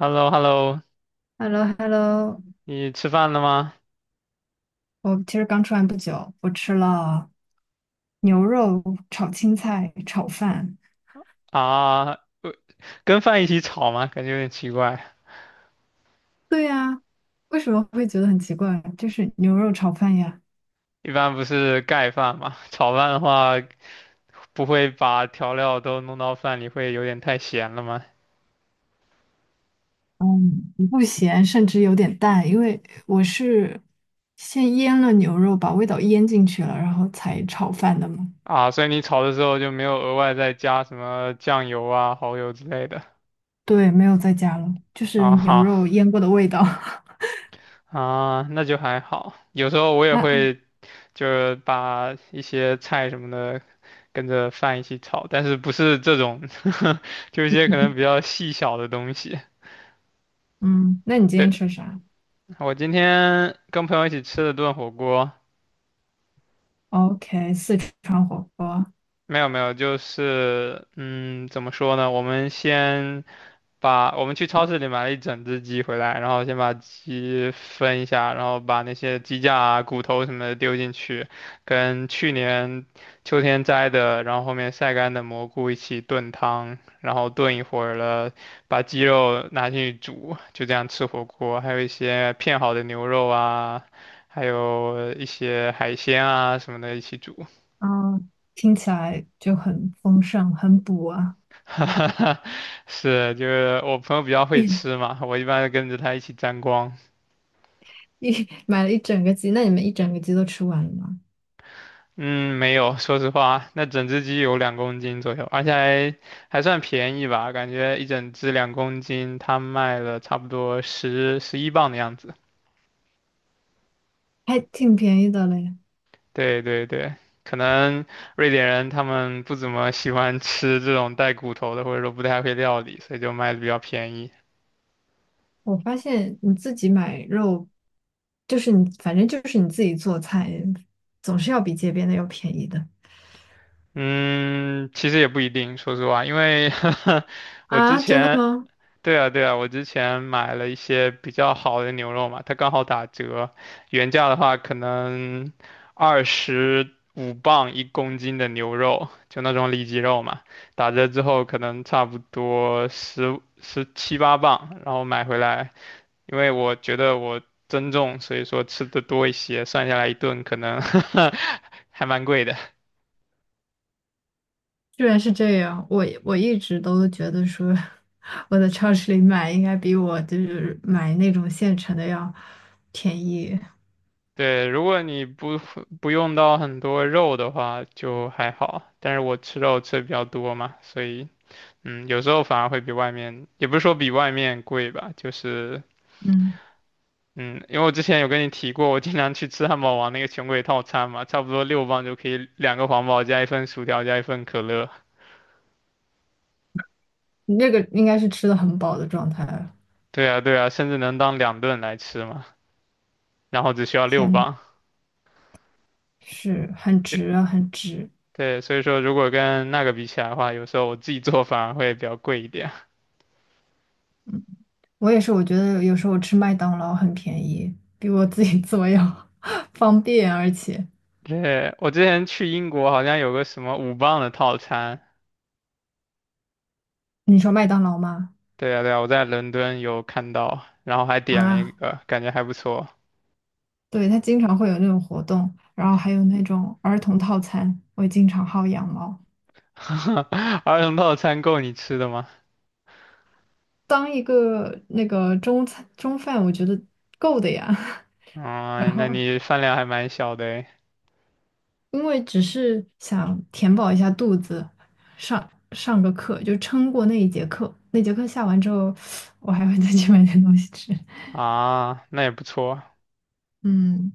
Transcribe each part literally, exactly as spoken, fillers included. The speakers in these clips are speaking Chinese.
h e l l o h e l l o h e l l o h e l l o 你吃饭了吗？我其实刚吃完不久，我吃了牛肉炒青菜炒饭。啊，呃跟饭一起炒吗？感觉有点奇怪。对呀，为什么会觉得很奇怪？就是牛肉炒饭呀。一般不是盖饭嘛，炒饭的话不会把调料都弄到饭里，会有点太咸了吗？嗯，不咸，甚至有点淡，因为我是先腌了牛肉，把味道腌进去了，然后才炒饭的嘛。啊，所以你炒的时候就没有额外再加什么酱油啊、蚝油之类的。对，没有再加了，就是啊牛哈。肉腌过的味道。啊，那就还好。有时候我也那，会就是把一些菜什么的跟着饭一起炒，但是不是这种，就一些可能比较细小的东西。嗯，那你今天吃啥我今天跟朋友一起吃了顿火锅，？O K,四川火锅。没有没有，就是嗯，怎么说呢？我们先把我们去超市里买了一整只鸡回来，然后先把鸡分一下，然后把那些鸡架啊、骨头什么的丢进去，跟去年秋天摘的，然后后面晒干的蘑菇一起炖汤，然后炖一会儿了，把鸡肉拿进去煮，就这样吃火锅。还有一些片好的牛肉啊，还有一些海鲜啊什么的一起煮。嗯，听起来就很丰盛，很补啊！是，就是我朋友比较会一吃嘛，我一般跟着他一起沾光。一买了一整个鸡，那你们一整个鸡都吃完了吗？嗯，没有，说实话，那整只鸡有两公斤左右，而且还还算便宜吧，感觉一整只两公斤，它卖了差不多十十一磅的样子。还挺便宜的嘞。对对对，可能瑞典人他们不怎么喜欢吃这种带骨头的，或者说不太会料理，所以就卖的比较便宜。我发现你自己买肉，就是你，反正就是你自己做菜，总是要比街边的要便宜的。嗯，其实也不一定，说实话，因为 我之啊！真的前吗？对啊，对啊，我之前买了一些比较好的牛肉嘛，它刚好打折，原价的话可能二十五磅一公斤的牛肉，就那种里脊肉嘛，打折之后可能差不多十十七八磅，然后买回来，因为我觉得我增重，所以说吃的多一些，算下来一顿可能 还蛮贵的。居然是这样，我我一直都觉得说，我在超市里买应该比我就是买那种现成的要便宜。对，如果你不不用到很多肉的话，就还好。但是我吃肉吃的比较多嘛，所以嗯，有时候反而会比外面，也不是说比外面贵吧，就是嗯，嗯，因为我之前有跟你提过，我经常去吃汉堡王那个穷鬼套餐嘛，差不多六磅就可以两个皇堡加一份薯条加一份可乐。你那个应该是吃的很饱的状态了。对啊，对啊，甚至能当两顿来吃嘛，然后只需要六天，磅。是很就值啊，很值。对，所以说如果跟那个比起来的话，有时候我自己做反而会比较贵一点。我也是，我觉得有时候我吃麦当劳很便宜，比我自己做要 方便，而且对，我之前去英国好像有个什么五磅的套餐，你说麦当劳吗？对啊对啊，我在伦敦有看到，然后还点了一啊，个，感觉还不错。对，它经常会有那种活动，然后还有那种儿童套餐，我也经常薅羊毛。儿童套餐够你吃的吗？当一个那个中餐中饭，我觉得够的呀。然啊、那后你饭量还蛮小的诶。因为只是想填饱一下肚子，上上个课就撑过那一节课。那节课下完之后，我还会再去买点东西吃。啊，那也不错。嗯，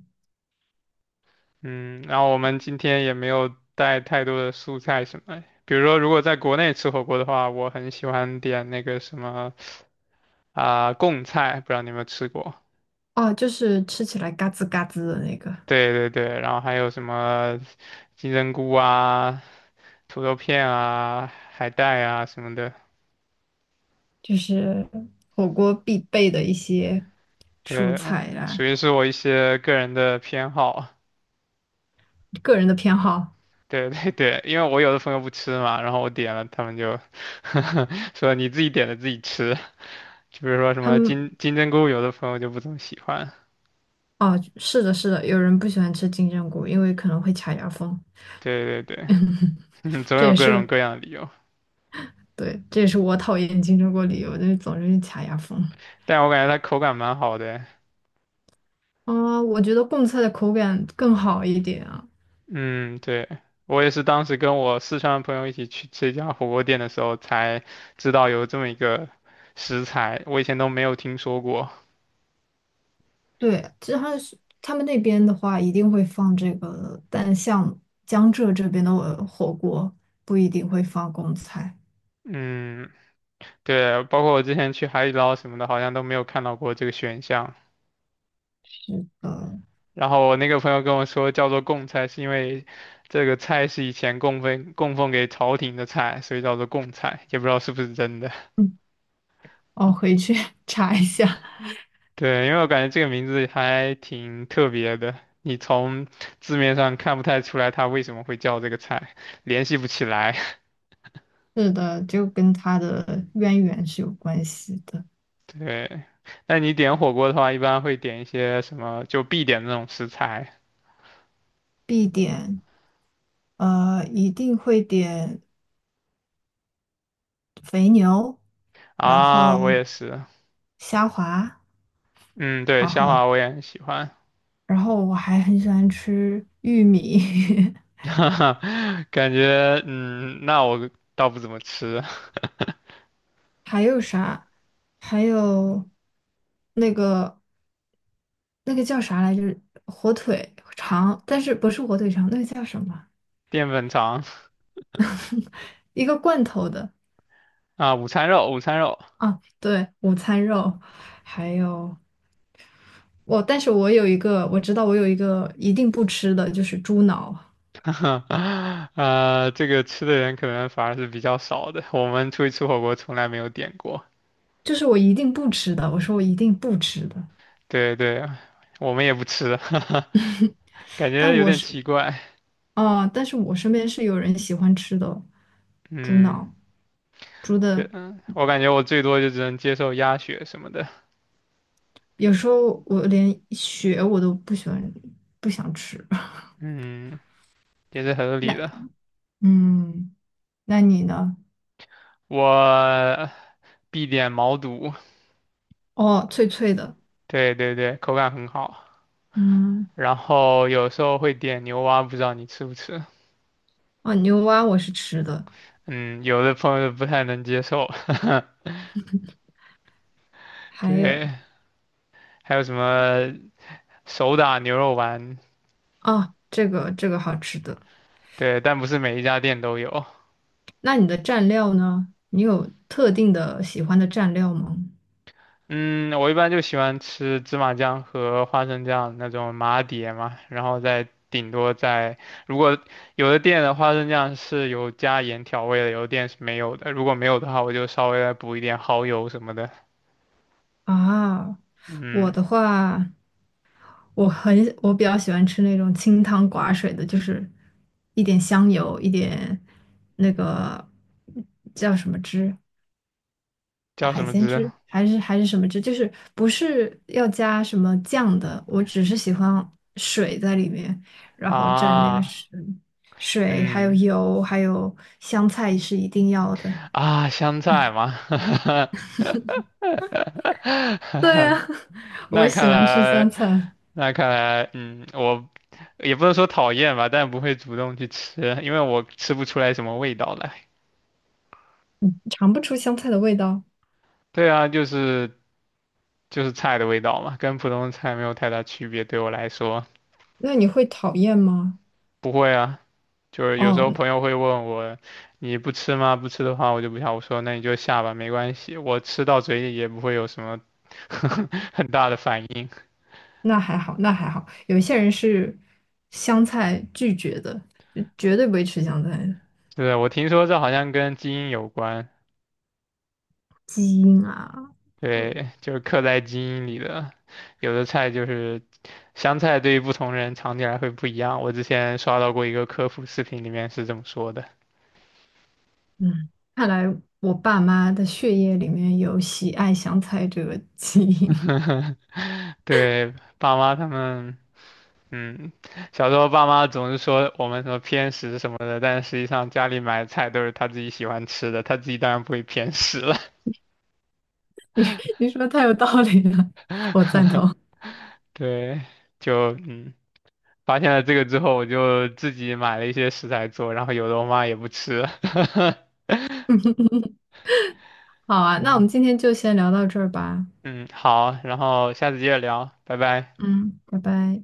嗯，然后我们今天也没有带太多的蔬菜什么的比如说如果在国内吃火锅的话，我很喜欢点那个什么啊、贡菜，不知道你有没有吃过？哦，就是吃起来嘎吱嘎吱的那个，对对对，然后还有什么金针菇啊，土豆片啊、海带啊什么的，就是火锅必备的一些蔬对，菜属啦。于是我一些个人的偏好。个人的偏好，对对对，因为我有的朋友不吃嘛，然后我点了，他们就 说你自己点的自己吃。就比如说什他么们金金针菇，有的朋友就不怎么喜欢。哦，是的，是的，有人不喜欢吃金针菇，因为可能会卡牙缝。对对对，嗯总这有也各种是各样的理由。对，这也是我讨厌金针菇理由，就是总是卡牙缝。但我感觉它口感蛮好的。啊，我觉得贡菜的口感更好一点啊。嗯，对，我也是当时跟我四川的朋友一起去吃一家火锅店的时候，才知道有这么一个食材，我以前都没有听说过。对，这还是他们那边的话，一定会放这个，但像江浙这边的呃火锅不一定会放贡菜。嗯，对，包括我之前去海底捞什么的，好像都没有看到过这个选项。呃，然后我那个朋友跟我说，叫做贡菜，是因为这个菜是以前供奉供奉给朝廷的菜，所以叫做贡菜，也不知道是不是真的。嗯，我回去 查一下。嗯 对，因为我感觉这个名字还挺特别的，你从字面上看不太出来它为什么会叫这个菜，联系不起来。是的，就跟它的渊源是有关系的。对，那你点火锅的话，一般会点一些什么，就必点的那种食材必点，呃，一定会点肥牛，然啊，后我也是。虾滑，嗯，对，然虾后滑我也很喜欢，然后我还很喜欢吃玉米。感觉嗯，那我倒不怎么吃还有啥？还有那个那个叫啥来着？火腿肠，但是不是火腿肠，那个叫什么？淀粉肠一个罐头的啊，午餐肉，午餐肉，啊，对，午餐肉，还有我，但是我有一个，我知道我有一个一定不吃的，就是猪脑，呃，这个吃的人可能反而是比较少的，我们出去吃火锅从来没有点过，就是我一定不吃的，我说我一定不吃的，对对，我们也不吃，感觉但有我点是奇怪，啊，但是我身边是有人喜欢吃的猪嗯，脑，猪对，的嗯，我感觉我最多就只能接受鸭血什么的，有时候我连血我都不喜欢，不想吃。嗯，也是合理那的，嗯，那你呢？我必点毛肚，哦，脆脆的。对对对，口感很好。嗯，然后有时候会点牛蛙，不知道你吃不吃？哦，牛蛙我是吃的。嗯，有的朋友不太能接受。还有对，还有什么手打牛肉丸？啊，这个这个好吃的。对，但不是每一家店都有。那你的蘸料呢？你有特定的喜欢的蘸料吗？嗯，我一般就喜欢吃芝麻酱和花生酱那种麻碟嘛，然后再顶多再，如果有的店的花生酱是有加盐调味的，有的店是没有的。如果没有的话，我就稍微再补一点蚝油什么的。啊，我嗯，的话，我很我比较喜欢吃那种清汤寡水的，就是一点香油，一点那个叫什么汁，叫什海么鲜汁汁还是还是什么汁，就是不是要加什么酱的，我只是喜欢水在里面，然后蘸那个啊？水，水还有嗯。油，还有香菜是一定要的。啊，香菜吗？对呀，我那喜看欢吃香来，菜，那看来，嗯，我也不能说讨厌吧，但不会主动去吃，因为我吃不出来什么味道来。尝不出香菜的味道。对啊，就是就是菜的味道嘛，跟普通菜没有太大区别，对我来说。那你会讨厌吗？不会啊，就是有时候哦，朋友会问我，你不吃吗？不吃的话我就不想。我说那你就下吧，没关系，我吃到嘴里也不会有什么 很大的反应。那还好，那还好。有一些人是香菜拒绝的，就绝对不会吃香菜的是，我听说这好像跟基因有关，基因啊。嗯对，就是刻在基因里的。有的菜就是香菜，对于不同人尝起来会不一样。我之前刷到过一个科普视频，里面是这么说的。嗯，看来我爸妈的血液里面有喜爱香菜这个基因，对，爸妈他们，嗯，小时候爸妈总是说我们什么偏食什么的，但实际上家里买的菜都是他自己喜欢吃的，他自己当然不会偏食了。你你说得太有道理了，我赞 同。对，就嗯。发现了这个之后，我就自己买了一些食材做，然后有的我妈也不吃。好啊，那我对，们今天就先聊到这儿吧。嗯，好，然后下次接着聊，拜拜。嗯，拜拜。